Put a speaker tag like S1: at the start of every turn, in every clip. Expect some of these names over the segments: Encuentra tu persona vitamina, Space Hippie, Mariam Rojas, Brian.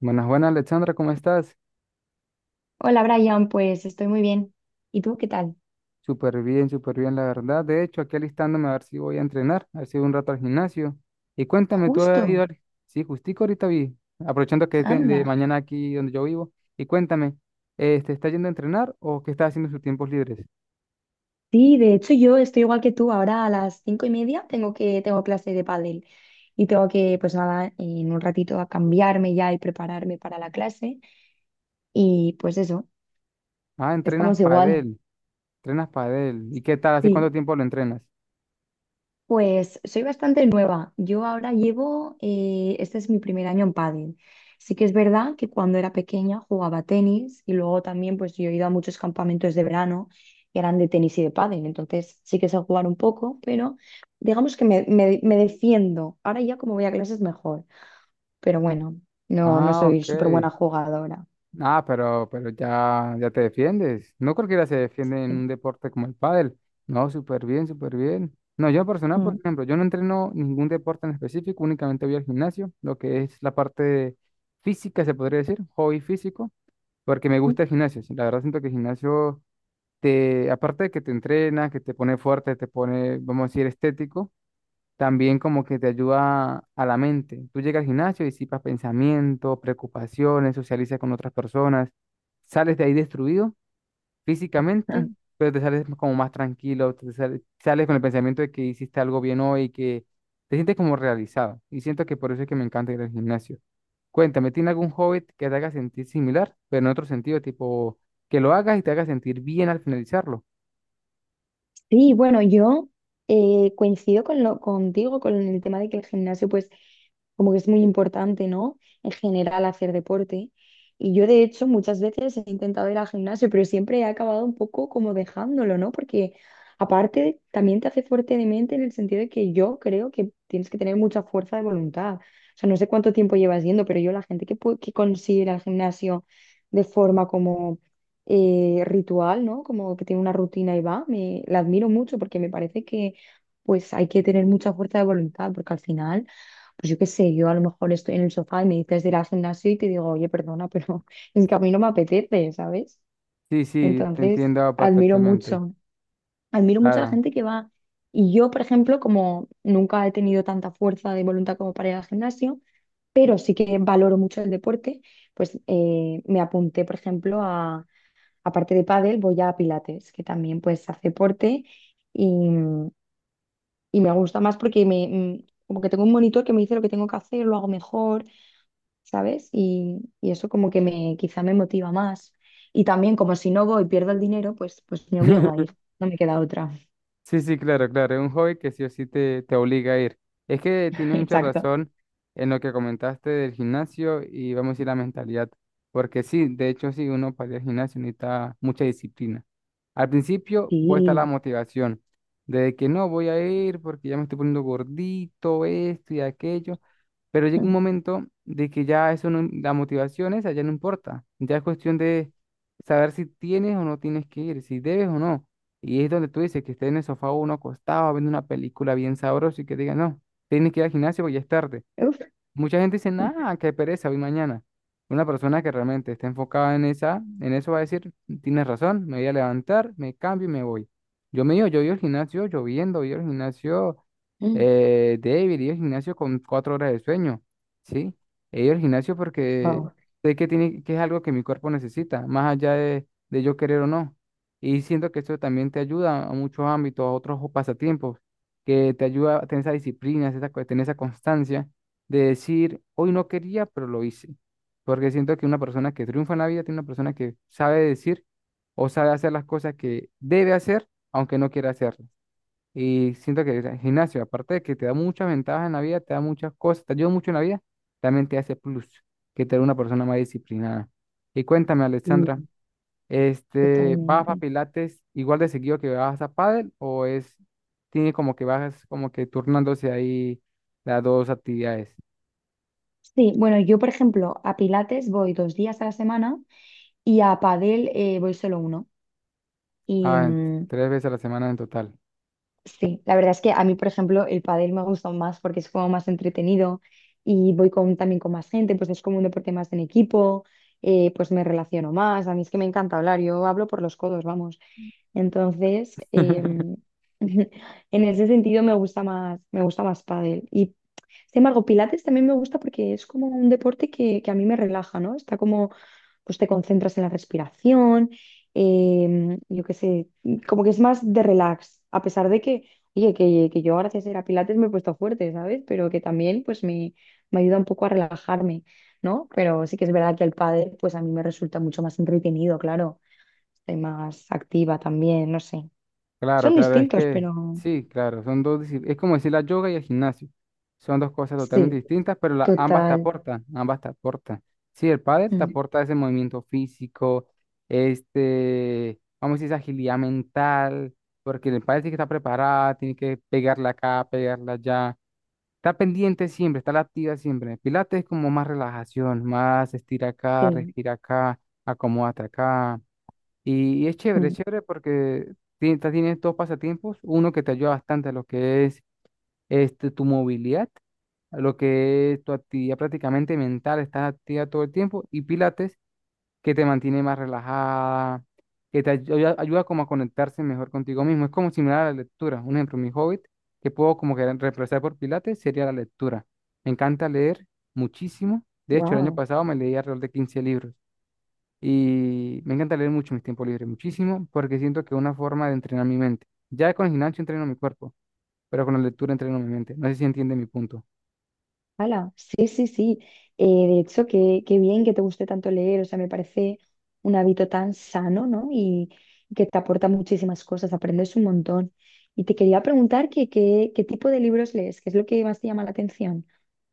S1: Buenas, buenas, Alexandra, ¿cómo estás?
S2: Hola Brian, pues estoy muy bien. ¿Y tú qué tal?
S1: Súper bien, la verdad. De hecho, aquí alistándome a ver si voy a entrenar, a ver si voy un rato al gimnasio. Y cuéntame, ¿tú has ido
S2: Justo,
S1: al... Sí, justico ahorita vi, aprovechando de
S2: anda.
S1: mañana aquí donde yo vivo. Y cuéntame, ¿te está yendo a entrenar o qué estás haciendo en sus tiempos libres?
S2: Sí, de hecho yo estoy igual que tú. Ahora a las 5:30 tengo clase de pádel y tengo que, pues nada, en un ratito a cambiarme ya y prepararme para la clase. Y pues eso,
S1: Ah, entrenas
S2: estamos igual.
S1: padel, entrenas padel. ¿Y qué tal? ¿Hace cuánto
S2: Sí.
S1: tiempo lo entrenas?
S2: Pues soy bastante nueva. Yo ahora llevo, este es mi 1.er año en pádel. Sí que es verdad que cuando era pequeña jugaba tenis y luego también pues yo he ido a muchos campamentos de verano que eran de tenis y de pádel. Entonces sí que sé jugar un poco, pero digamos que me defiendo. Ahora ya como voy a clases mejor, pero bueno, no, no
S1: Ah,
S2: soy
S1: ok.
S2: súper buena jugadora.
S1: Ah, pero ya, ya te defiendes. No cualquiera se defiende en
S2: Sí.
S1: un deporte como el pádel. No, súper bien, súper bien. No, yo en personal, por
S2: Mm.
S1: ejemplo, yo no entreno ningún deporte en específico, únicamente voy al gimnasio, lo que es la parte física, se podría decir, hobby físico, porque me gusta el gimnasio. Sí, la verdad siento que el gimnasio te, aparte de que te entrena, que te pone fuerte, te pone, vamos a decir, estético, también como que te ayuda a la mente. Tú llegas al gimnasio, disipas pensamientos, preocupaciones, socializas con otras personas, sales de ahí destruido físicamente, pero te sales como más tranquilo, te sales, sales con el pensamiento de que hiciste algo bien hoy y que te sientes como realizado. Y siento que por eso es que me encanta ir al gimnasio. Cuéntame, ¿tiene algún hobby que te haga sentir similar, pero en otro sentido, tipo que lo hagas y te haga sentir bien al finalizarlo?
S2: Sí, bueno, yo coincido con contigo con el tema de que el gimnasio, pues, como que es muy importante, ¿no? En general, hacer deporte. Y yo, de hecho, muchas veces he intentado ir al gimnasio, pero siempre he acabado un poco como dejándolo, ¿no? Porque aparte, también te hace fuerte de mente en el sentido de que yo creo que tienes que tener mucha fuerza de voluntad. O sea, no sé cuánto tiempo llevas yendo, pero yo la gente que, que consigue ir al gimnasio de forma como ritual, ¿no? Como que tiene una rutina y va. La admiro mucho porque me parece que pues hay que tener mucha fuerza de voluntad porque al final, pues yo qué sé, yo a lo mejor estoy en el sofá y me dices de ir al gimnasio y te digo, oye, perdona, pero es que a mí no me apetece, ¿sabes?
S1: Sí, sí, te
S2: Entonces,
S1: entiendo
S2: admiro
S1: perfectamente.
S2: mucho. Admiro mucho a la
S1: Claro.
S2: gente que va. Y yo, por ejemplo, como nunca he tenido tanta fuerza de voluntad como para ir al gimnasio, pero sí que valoro mucho el deporte, pues me apunté, por ejemplo, a aparte de pádel, voy a pilates, que también pues hace deporte y, y me gusta más porque como que tengo un monitor que me dice lo que tengo que hacer, lo hago mejor, ¿sabes? Y eso como que quizá me motiva más. Y también como si no voy y pierdo el dinero, pues me obligo a ir, no me queda otra.
S1: Sí, sí, claro, claro. Es un hobby que sí o sí te obliga a ir. Es que tienes mucha
S2: Exacto.
S1: razón en lo que comentaste del gimnasio y vamos a decir la mentalidad. Porque sí, de hecho, sí, uno para ir al gimnasio necesita mucha disciplina. Al principio puede estar la
S2: Sí.
S1: motivación de que no voy a ir porque ya me estoy poniendo gordito, esto y aquello. Pero llega un momento de que ya eso no, la motivación esa ya no importa. Ya es cuestión de saber si tienes o no tienes que ir, si debes o no. Y es donde tú dices que esté en el sofá uno acostado viendo una película bien sabrosa y que diga, no, tienes que ir al gimnasio porque ya es tarde.
S2: Uf.
S1: Mucha gente dice, nada, qué pereza, hoy mañana. Una persona que realmente está enfocada en esa, en eso va a decir, tienes razón, me voy a levantar, me cambio y me voy. Yo me iba, yo iba al gimnasio lloviendo, iba al gimnasio,
S2: Mm.
S1: David, iba al gimnasio con 4 horas de sueño, ¿sí? He ido al gimnasio porque
S2: Wow.
S1: sé que tiene, que es algo que mi cuerpo necesita, más allá de yo querer o no. Y siento que eso también te ayuda a muchos ámbitos, a otros pasatiempos, que te ayuda a tener esa disciplina, esa, tener esa constancia de decir, hoy no quería, pero lo hice. Porque siento que una persona que triunfa en la vida tiene una persona que sabe decir o sabe hacer las cosas que debe hacer, aunque no quiera hacerlas. Y siento que el gimnasio, aparte de que te da muchas ventajas en la vida, te da muchas cosas, te ayuda mucho en la vida, también te hace plus, que te da una persona más disciplinada. Y cuéntame, Alexandra,
S2: Sí,
S1: este, ¿vas a
S2: totalmente.
S1: Pilates igual de seguido que vas a pádel o es, tiene como que vas como que turnándose ahí las dos actividades?
S2: Sí, bueno, yo por ejemplo a Pilates voy dos días a la semana y a Padel voy solo uno. y
S1: Ah, en-
S2: mm,
S1: Tres veces a la semana en total.
S2: Sí, la verdad es que a mí, por ejemplo, el pádel me ha gustado más porque es como más entretenido y voy con, también con más gente, pues es como un deporte más en equipo, pues me relaciono más. A mí es que me encanta hablar, yo hablo por los codos, vamos. Entonces, en ese sentido me gusta más pádel. Y sin embargo, Pilates también me gusta porque es como un deporte que a mí me relaja, ¿no? Está como pues te concentras en la respiración, yo qué sé, como que es más de relax, a pesar de que, oye, que yo gracias a ir a Pilates me he puesto fuerte, ¿sabes? Pero que también me ayuda un poco a relajarme, ¿no? Pero sí que es verdad que el pádel pues a mí me resulta mucho más entretenido, claro, estoy más activa también, no sé.
S1: Claro,
S2: Son
S1: claro, es
S2: distintos,
S1: que
S2: pero
S1: sí, claro, son dos, es como decir la yoga y el gimnasio. Son dos cosas totalmente
S2: sí,
S1: distintas, pero ambas te
S2: total.
S1: aportan, ambas te aportan. Sí, el pádel te
S2: Mm,
S1: aporta ese movimiento físico, este, vamos a decir, esa agilidad mental, porque el pádel tiene que estar preparada, tiene que pegarla acá, pegarla allá. Está pendiente siempre, está la activa siempre. Pilates es como más relajación, más estira acá,
S2: sí,
S1: respira acá, acomódate acá. Y es chévere porque tienes, tienes dos pasatiempos, uno que te ayuda bastante a lo que es este, tu movilidad, a lo que es tu actividad prácticamente mental, estás activa todo el tiempo, y Pilates que te mantiene más relajada, que te ayuda, ayuda como a conectarse mejor contigo mismo. Es como similar a la lectura. Un ejemplo, mi hobbit, que puedo como que reemplazar por Pilates, sería la lectura. Me encanta leer muchísimo. De hecho, el año
S2: wow.
S1: pasado me leí alrededor de 15 libros. Y me encanta leer mucho en mis tiempos libres, muchísimo, porque siento que es una forma de entrenar mi mente. Ya con el gimnasio entreno mi cuerpo, pero con la lectura entreno mi mente. No sé si entiende mi punto.
S2: Hala, sí, sí, sí. De hecho, qué bien que te guste tanto leer, o sea, me parece un hábito tan sano, ¿no? Y que te aporta muchísimas cosas, aprendes un montón. Y te quería preguntar que, qué tipo de libros lees, qué es lo que más te llama la atención.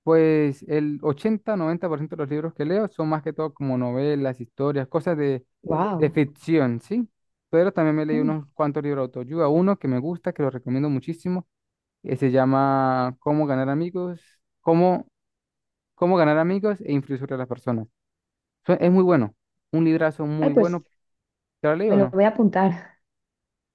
S1: Pues el 80 90% de los libros que leo son más que todo como novelas, historias, cosas de
S2: Wow.
S1: ficción, ¿sí? Pero también me leí unos cuantos libros de autoayuda. Uno que me gusta, que lo recomiendo muchísimo, que se llama Cómo ganar amigos, cómo, cómo ganar amigos e influir sobre las personas. Es muy bueno, un librazo muy
S2: Ay, pues
S1: bueno. ¿Te lo leí
S2: me
S1: o
S2: lo
S1: no?
S2: voy a apuntar.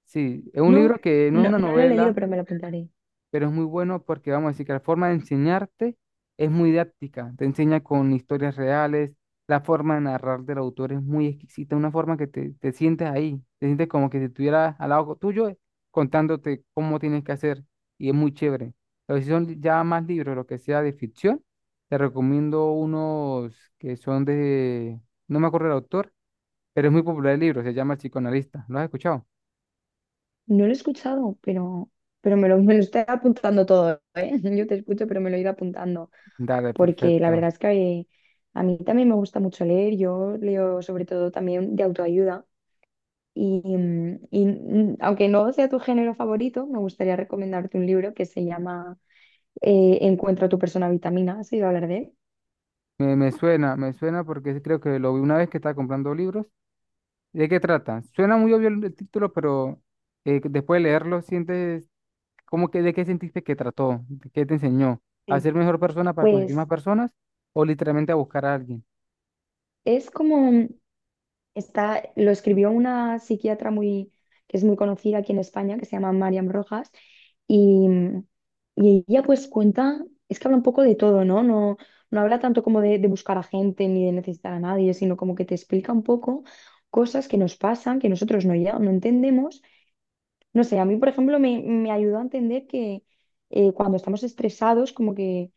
S1: Sí, es un
S2: No,
S1: libro que no es
S2: no,
S1: una
S2: no lo he leído,
S1: novela,
S2: pero me lo apuntaré.
S1: pero es muy bueno porque vamos a decir que la forma de enseñarte es muy didáctica, te enseña con historias reales, la forma de narrar del autor es muy exquisita, una forma que te sientes ahí, te sientes como que si estuvieras al lado tuyo contándote cómo tienes que hacer y es muy chévere. Pero si son ya más libros, lo que sea de ficción, te recomiendo unos que son de, no me acuerdo el autor, pero es muy popular el libro, se llama El psicoanalista, ¿lo has escuchado?
S2: No lo he escuchado, pero me lo estoy apuntando todo, ¿eh? Yo te escucho, pero me lo he ido apuntando.
S1: Dale,
S2: Porque la verdad
S1: perfecto.
S2: es que a mí también me gusta mucho leer, yo leo sobre todo también de autoayuda y aunque no sea tu género favorito, me gustaría recomendarte un libro que se llama Encuentra tu persona vitamina, ¿has oído hablar de él?
S1: Me, me suena porque creo que lo vi una vez que estaba comprando libros. ¿De qué trata? Suena muy obvio el título, pero después de leerlo, sientes como que de qué sentiste que trató, de qué te enseñó, a
S2: Sí.
S1: ser mejor persona para conseguir
S2: Pues
S1: más personas o literalmente a buscar a alguien.
S2: es como... Está, lo escribió una psiquiatra muy, que es muy conocida aquí en España, que se llama Mariam Rojas, y, mm, y ella pues cuenta, es que habla un poco de todo, ¿no? No, no habla tanto como de buscar a gente ni de necesitar a nadie, sino como que te explica un poco cosas que nos pasan, que nosotros no entendemos. No sé, a mí, por ejemplo, me ayudó a entender que cuando estamos estresados, como que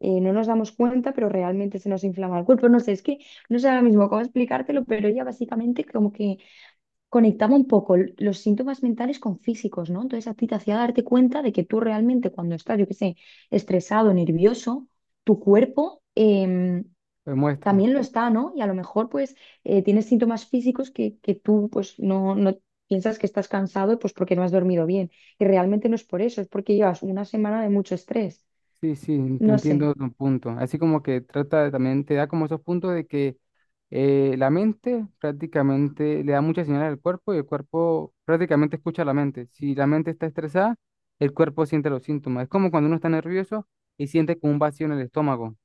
S2: no nos damos cuenta, pero realmente se nos inflama el cuerpo. No sé, es que no sé ahora mismo cómo explicártelo, pero ella básicamente como que conectaba un poco los síntomas mentales con físicos, ¿no? Entonces a ti te hacía darte cuenta de que tú realmente cuando estás, yo qué sé, estresado, nervioso, tu cuerpo...
S1: Pues muestra.
S2: también lo está, ¿no? Y a lo mejor pues tienes síntomas físicos que tú pues no, no piensas que estás cansado pues porque no has dormido bien. Y realmente no es por eso, es porque llevas una semana de mucho estrés.
S1: Sí, sí, te
S2: No sé.
S1: entiendo tu punto. Así como que también, te da como esos puntos de que la mente prácticamente le da muchas señales al cuerpo y el cuerpo prácticamente escucha a la mente. Si la mente está estresada, el cuerpo siente los síntomas. Es como cuando uno está nervioso y siente como un vacío en el estómago,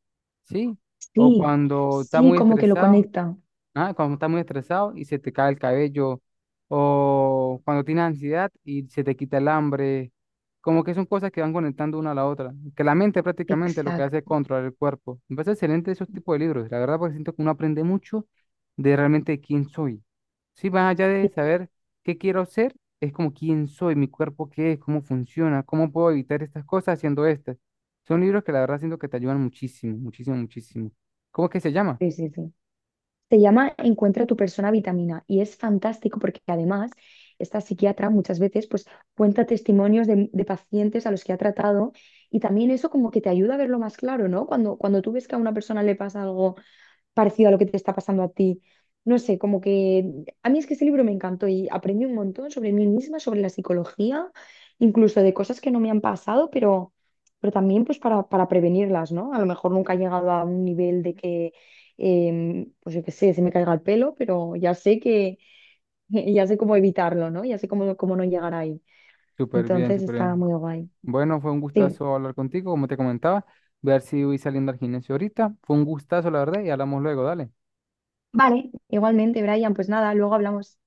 S1: ¿sí? O
S2: Sí,
S1: cuando está
S2: sí,
S1: muy
S2: como que lo
S1: estresado.
S2: conecta.
S1: Ah, cuando estás muy estresado y se te cae el cabello, o cuando tienes ansiedad y se te quita el hambre, como que son cosas que van conectando una a la otra, que la mente prácticamente lo que hace es
S2: Exacto.
S1: controlar el cuerpo. Me parece excelente esos tipos de libros, la verdad porque siento que uno aprende mucho de realmente quién soy. Sí, más allá de
S2: Sí,
S1: saber qué quiero ser, es como quién soy, mi cuerpo qué es, cómo funciona, cómo puedo evitar estas cosas haciendo estas. Son libros que la verdad siento que te ayudan muchísimo, muchísimo, muchísimo. ¿Cómo es que se llama?
S2: sí, sí. Sí. Se llama Encuentra tu persona vitamina y es fantástico porque además esta psiquiatra muchas veces pues cuenta testimonios de pacientes a los que ha tratado y también eso como que te ayuda a verlo más claro, ¿no? Cuando tú ves que a una persona le pasa algo parecido a lo que te está pasando a ti. No sé, como que a mí es que ese libro me encantó y aprendí un montón sobre mí misma, sobre la psicología, incluso de cosas que no me han pasado, pero también pues para prevenirlas, ¿no? A lo mejor nunca he llegado a un nivel de que, pues yo qué sé, se me caiga el pelo, pero ya sé que, ya sé cómo evitarlo, ¿no? Ya sé cómo, cómo no llegar ahí.
S1: Súper bien,
S2: Entonces
S1: súper
S2: está
S1: bien.
S2: muy guay.
S1: Bueno, fue un
S2: Sí.
S1: gustazo hablar contigo, como te comentaba. Voy a ver si voy saliendo al gimnasio ahorita. Fue un gustazo, la verdad, y hablamos luego, dale.
S2: Vale, igualmente, Brian, pues nada, luego hablamos.